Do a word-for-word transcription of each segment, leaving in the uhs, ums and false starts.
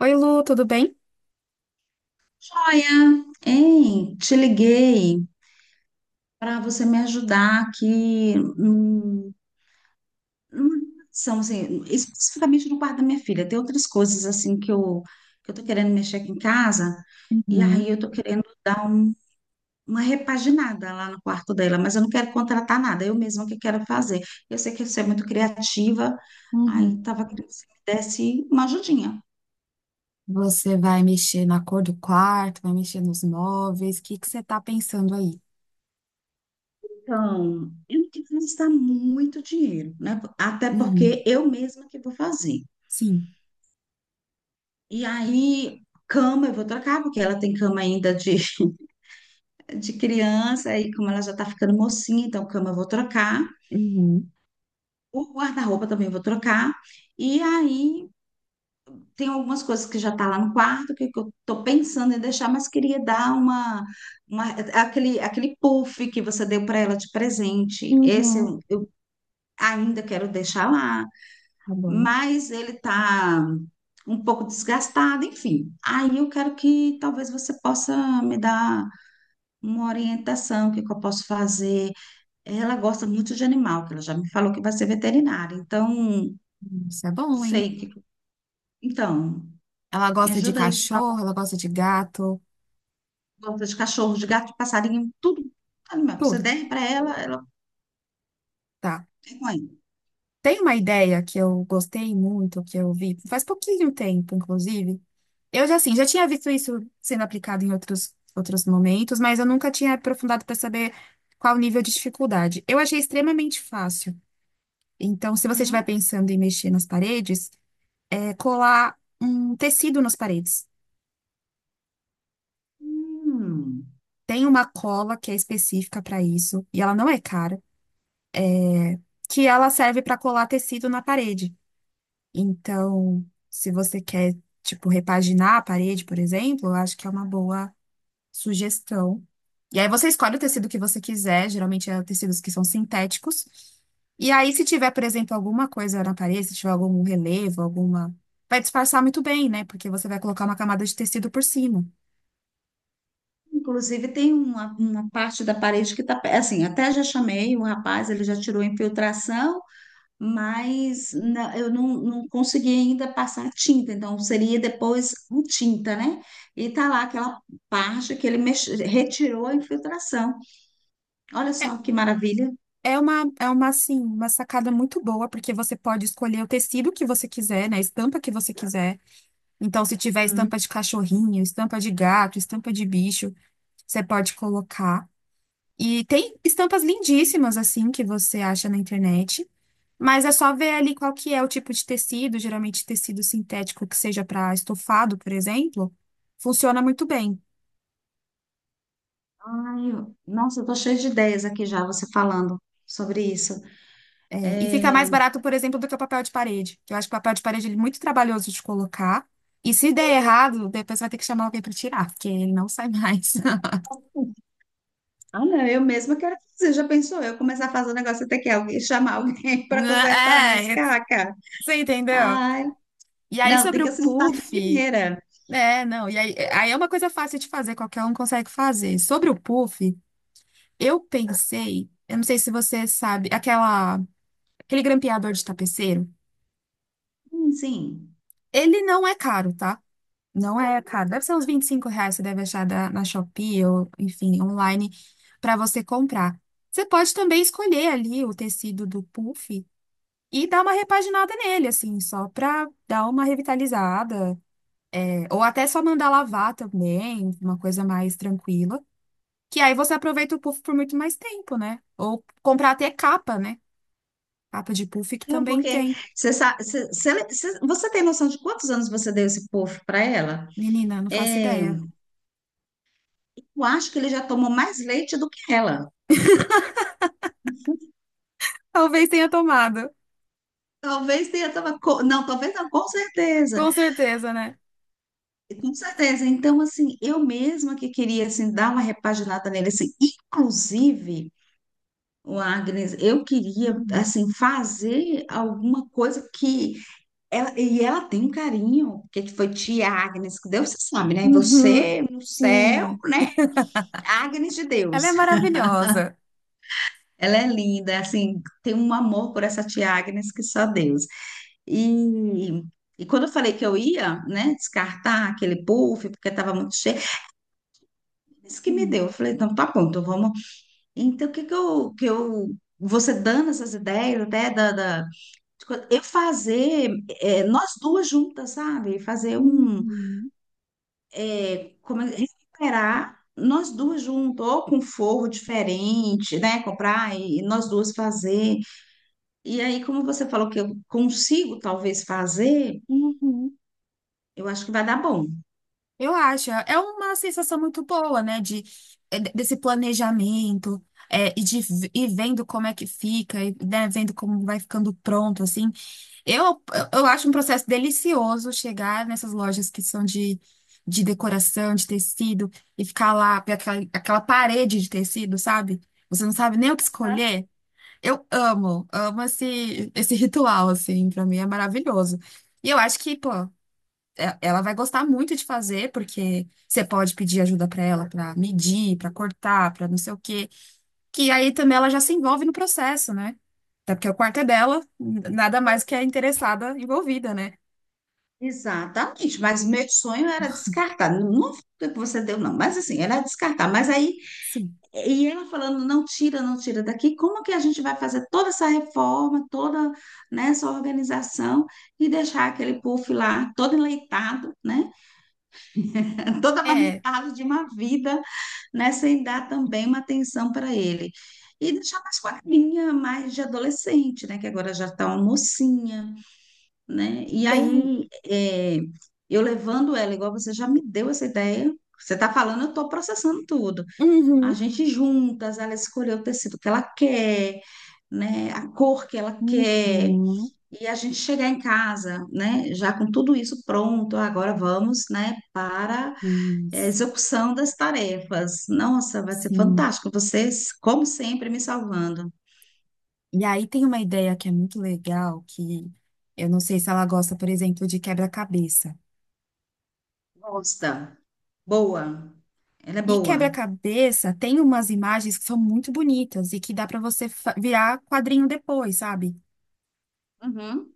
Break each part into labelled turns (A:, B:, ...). A: Oi, Lu, tudo bem?
B: Joia, hein? Te liguei para você me ajudar aqui hum, numa relação, assim, especificamente no quarto da minha filha. Tem outras coisas assim que eu que eu tô querendo mexer aqui em casa e
A: Uhum,
B: aí eu tô querendo dar um- uma repaginada lá no quarto dela, mas eu não quero contratar nada, eu mesma que quero fazer. Eu sei que você é muito criativa,
A: uhum.
B: aí tava querendo que você me desse uma ajudinha.
A: Você vai mexer na cor do quarto, vai mexer nos móveis, o que que você tá pensando aí?
B: Então, eu não quero gastar muito dinheiro, né? Até
A: Uhum,
B: porque eu mesma que vou fazer.
A: sim.
B: E aí, cama eu vou trocar, porque ela tem cama ainda de, de criança, e como ela já tá ficando mocinha, então cama eu vou trocar.
A: Uhum,
B: O guarda-roupa também eu vou trocar. E aí, tem algumas coisas que já tá lá no quarto, que, que eu tô pensando em deixar, mas queria dar uma, uma- aquele, aquele puff que você deu para ela de presente. Esse
A: uhum.
B: eu eu ainda quero deixar lá.
A: Tá bom.
B: Mas ele está um pouco desgastado, enfim. Aí eu quero que talvez você possa me dar uma orientação, o que que eu posso fazer. Ela gosta muito de animal, que ela já me falou que vai ser veterinária, então
A: Hum, Isso é bom, hein?
B: sei que. Então,
A: Ela
B: me
A: gosta de
B: ajuda aí, por
A: cachorro,
B: favor.
A: ela gosta de gato,
B: Gosta de cachorro, de gato, de passarinho, tudo. Animal que você
A: tudo,
B: der para ela, ela
A: tá.
B: é com ele.
A: Tem uma ideia que eu gostei muito, que eu vi faz pouquinho tempo, inclusive. Eu já, assim, já tinha visto isso sendo aplicado em outros, outros momentos, mas eu nunca tinha aprofundado para saber qual o nível de dificuldade. Eu achei extremamente fácil. Então, se você estiver
B: Hum.
A: pensando em mexer nas paredes, é colar um tecido nas paredes.
B: Hum.
A: Tem uma cola que é específica para isso, e ela não é cara, que ela serve para colar tecido na parede. Então, se você quer, tipo, repaginar a parede, por exemplo, eu acho que é uma boa sugestão. E aí você escolhe o tecido que você quiser, geralmente é tecidos que são sintéticos. E aí, se tiver, por exemplo, alguma coisa na parede, se tiver algum relevo, alguma. Vai disfarçar muito bem, né? Porque você vai colocar uma camada de tecido por cima.
B: Inclusive, tem uma, uma parte da parede que está. Assim, até já chamei o rapaz, ele já tirou a infiltração. Mas na- eu não, não consegui ainda passar a tinta, então seria depois a tinta, né? E tá lá aquela parte que ele mex- retirou a infiltração. Olha
A: É
B: só que maravilha.
A: é uma, é uma, assim, uma sacada muito boa, porque você pode escolher o tecido que você quiser, né? A estampa que você quiser. Então, se tiver estampa de cachorrinho, estampa de gato, estampa de bicho, você pode colocar. E tem estampas lindíssimas, assim, que você acha na internet. Mas é só ver ali qual que é o tipo de tecido, geralmente tecido sintético que seja para estofado, por exemplo, funciona muito bem.
B: Ai, eu- nossa, eu tô cheia de ideias aqui já, você falando sobre isso.
A: É, e fica
B: É.
A: mais barato, por exemplo, do que o papel de parede, que eu acho que o papel de parede ele é muito trabalhoso de colocar. E se der errado, depois vai ter que chamar alguém para tirar, porque ele não sai mais.
B: Ah, não, eu mesma quero fazer, já pensou? Eu começar a fazer um negócio até que alguém chamar alguém para consertar minhas
A: É,
B: cacas.
A: você entendeu?
B: Ai,
A: E aí
B: não, tem
A: sobre
B: que
A: o
B: acertar de
A: puff,
B: primeira.
A: é, não, e aí, aí é uma coisa fácil de fazer, qualquer um consegue fazer. Sobre o puff, eu pensei, eu não sei se você sabe, aquela. Aquele grampeador de tapeceiro,
B: Sim, sim.
A: ele não é caro, tá? Não é caro. Deve ser uns vinte e cinco reais, você deve achar da- na Shopee ou, enfim, online para você comprar. Você pode também escolher ali o tecido do puff e dar uma repaginada nele, assim, só para dar uma revitalizada. É, ou até só mandar lavar também, uma coisa mais tranquila. Que aí você aproveita o puff por muito mais tempo, né? Ou comprar até capa, né? Capa de puff que
B: Não,
A: também
B: porque
A: tem.
B: você, sa- você, você, você você tem noção de quantos anos você deu esse puff para ela?
A: Menina, não faço
B: É,
A: ideia.
B: eu acho que ele já tomou mais leite do que ela.
A: Talvez tenha tomado.
B: Talvez tenha tomado. co- Não, talvez não, com certeza.
A: Com certeza, né?
B: Com certeza. Então, assim, eu mesma que queria, assim, dar uma repaginada nele, assim, inclusive, o Agnes, eu queria,
A: Uhum.
B: assim, fazer alguma coisa que ela, e ela tem um carinho, porque que foi tia Agnes que deu, você sabe, né?
A: Uhum.
B: Você no céu,
A: Sim.
B: né? Agnes de
A: Ela
B: Deus.
A: é maravilhosa.
B: Ela é linda, assim, tem um amor por essa tia Agnes que só Deus. E, e quando eu falei que eu ia, né, descartar aquele puff, porque estava muito cheio, isso que me
A: Uhum.
B: deu. Eu falei, então tá bom, então vamos. Então, o que que eu, que eu. Você dando essas ideias, até da, da- de co- eu fazer, é, nós duas juntas, sabe? Fazer um.
A: Uhum.
B: É, como, é- recuperar nós duas juntas, ou com forro diferente, né? Comprar e e nós duas fazer. E aí, como você falou que eu consigo talvez fazer,
A: Uhum.
B: eu acho que vai dar bom.
A: Eu acho. É uma sensação muito boa, né? De, é, de- desse planejamento, é, e de v- e vendo como é que fica, e, né, vendo como vai ficando pronto, assim. Eu, eu acho um processo delicioso chegar nessas lojas que são de, de decoração, de tecido, e ficar lá, ver aquela, aquela parede de tecido, sabe? Você não sabe nem o que escolher. Eu amo, amo esse, esse ritual, assim, pra mim é maravilhoso. E eu acho que, pô, é- ela vai gostar muito de fazer, porque você pode pedir ajuda pra ela pra medir, pra cortar, pra não sei o quê. Que aí também ela já se envolve no processo, né? Até porque o quarto é dela, n- nada mais que a interessada envolvida, né?
B: Exatamente, mas meu sonho era descartar. Não não foi o que você deu, não, mas assim, era descartar. Mas aí,
A: Sim.
B: e ela falando, não tira, não tira daqui, como que a gente vai fazer toda essa reforma, toda, né, essa organização e deixar aquele puff lá todo enleitado, né, todo
A: É,
B: amamentado de uma vida né, sem dar também uma atenção para ele. E deixar mais com a linha mais de adolescente, né, que agora já está uma mocinha, né? E
A: tem.
B: aí, é, eu levando ela, igual você já me deu essa ideia, você está falando, eu estou processando tudo. A
A: Uhum,
B: gente juntas, ela escolheu o tecido que ela quer, né, a cor que ela quer,
A: uhum,
B: e a gente chegar em casa, né, já com tudo isso pronto, agora vamos, né, para é
A: isso,
B: execução das tarefas. Nossa, vai ser
A: sim.
B: fantástico. Vocês, como sempre, me salvando.
A: E aí tem uma ideia que é muito legal, que eu não sei se ela gosta, por exemplo, de quebra-cabeça.
B: Gosta. Boa. Ela é
A: E
B: boa.
A: quebra-cabeça tem umas imagens que são muito bonitas e que dá para você fa- virar quadrinho depois, sabe?
B: Uhum.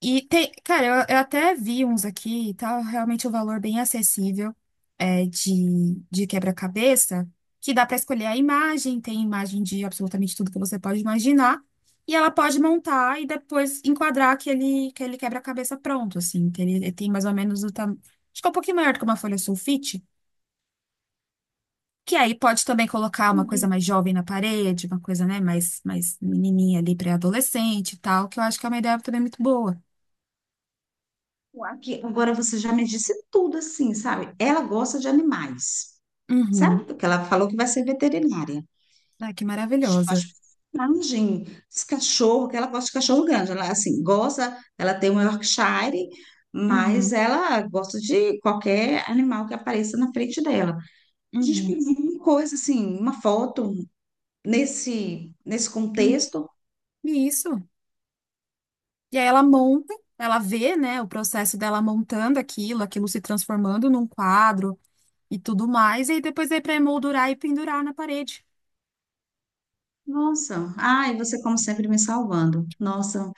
A: E tem, cara, eu, eu até vi uns aqui e tal, realmente o um valor bem acessível é, de, de quebra-cabeça, que dá para escolher a imagem, tem imagem de absolutamente tudo que você pode imaginar, e ela pode montar e depois enquadrar aquele, aquele quebra-cabeça pronto, assim, que ele, ele tem mais ou menos o tamanho. Acho que é um pouquinho maior do que uma folha sulfite, que aí pode também colocar uma coisa mais jovem na parede, uma coisa, né, mais, mais menininha ali, pré-adolescente e tal, que eu acho que é uma ideia também muito boa.
B: Aqui, agora você já me disse tudo assim, sabe? Ela gosta de animais, sabe?
A: Uhum.
B: Porque ela falou que vai ser veterinária.
A: Ah, que maravilhosa.
B: Mas imagem, esse cachorro, que ela gosta de cachorro grande. Ela, assim, gosta, ela tem um Yorkshire, mas
A: Uhum,
B: ela gosta de qualquer animal que apareça na frente dela. A gente
A: uhum.
B: pediu uma coisa assim, uma foto nesse nesse
A: Hum,
B: contexto.
A: e isso. E aí ela monta, ela vê, né, o processo dela montando aquilo, aquilo se transformando num quadro e tudo mais, e aí depois é para emoldurar e pendurar na parede.
B: Nossa, ai, você como sempre me salvando. Nossa,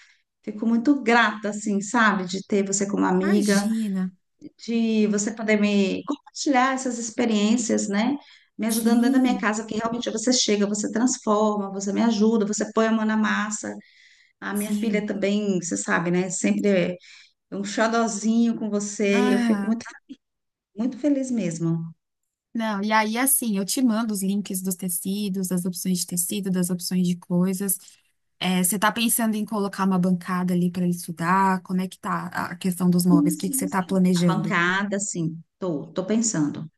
B: fico muito grata assim, sabe, de ter você como amiga,
A: Imagina.
B: de você poder me compartilhar essas experiências, né? Me ajudando dentro da minha
A: Sim,
B: casa, que realmente você chega, você transforma, você me ajuda, você põe a mão na massa. A minha
A: sim.
B: filha também, você sabe, né? Sempre é um xodozinho com você e eu fico
A: Ah,
B: muito, muito feliz mesmo.
A: não. E aí, assim, eu te mando os links dos tecidos, das opções de tecido, das opções de coisas. É, você tá pensando em colocar uma bancada ali para ele estudar? Como é que tá a questão dos móveis?
B: Sim,
A: O que que você
B: sim,
A: tá
B: sim. A
A: planejando?
B: bancada, sim. Tô, tô pensando.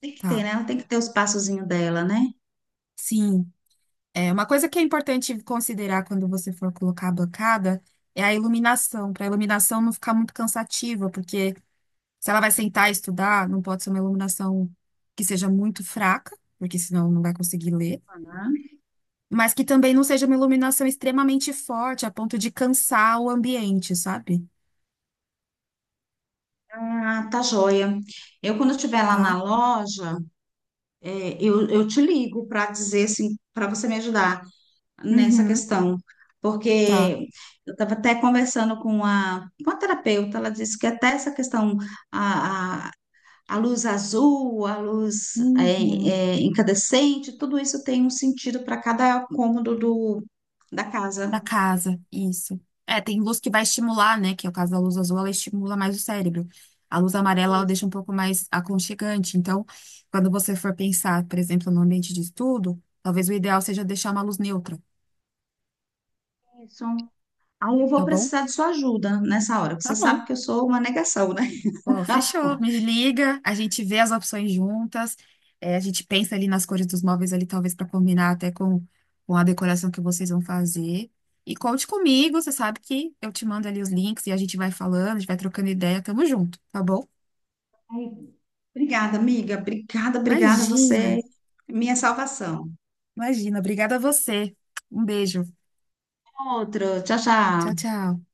B: Tem que ter,
A: Tá.
B: né? Ela tem que ter os passozinhos dela, né?
A: Sim, é uma coisa que é importante considerar quando você for colocar a bancada é a iluminação, para a iluminação não ficar muito cansativa, porque se ela vai sentar e estudar, não pode ser uma iluminação que seja muito fraca, porque senão não vai conseguir ler, mas que também não seja uma iluminação extremamente forte, a ponto de cansar o ambiente, sabe?
B: Ah, tá joia. Eu, quando eu estiver lá
A: Tá?
B: na loja, é, eu, eu te ligo para dizer assim, para você me ajudar nessa
A: Uhum,
B: questão.
A: tá.
B: Porque eu estava até conversando com a, com a terapeuta, ela disse que até essa questão, a a luz azul, a luz é,
A: Uhum.
B: é, incandescente, tudo isso tem um sentido para cada cômodo do, da
A: Da
B: casa.
A: casa, isso. É, tem luz que vai estimular, né? Que é o caso da luz azul, ela estimula mais o cérebro. A luz amarela, ela deixa um
B: Isso,
A: pouco mais aconchegante. Então, quando você for pensar, por exemplo, no ambiente de estudo, talvez o ideal seja deixar uma luz neutra,
B: isso. Aí eu vou
A: tá bom?
B: precisar de sua ajuda nessa hora, porque
A: Tá
B: você sabe
A: bom.
B: que eu sou uma negação, né?
A: Pô, fechou, me liga, a gente vê as opções juntas, é, a gente pensa ali nas cores dos móveis ali, talvez para combinar até com, com a decoração que vocês vão fazer. E conte comigo, você sabe que eu te mando ali os links e a gente vai falando, a gente vai trocando ideia, tamo junto, tá bom?
B: Ai, Obrigada, amiga. Obrigada, obrigada. Você
A: Imagina,
B: é minha salvação.
A: imagina, obrigada a você. Um beijo,
B: Outro. Tchau,
A: tchau,
B: tchau.
A: tchau.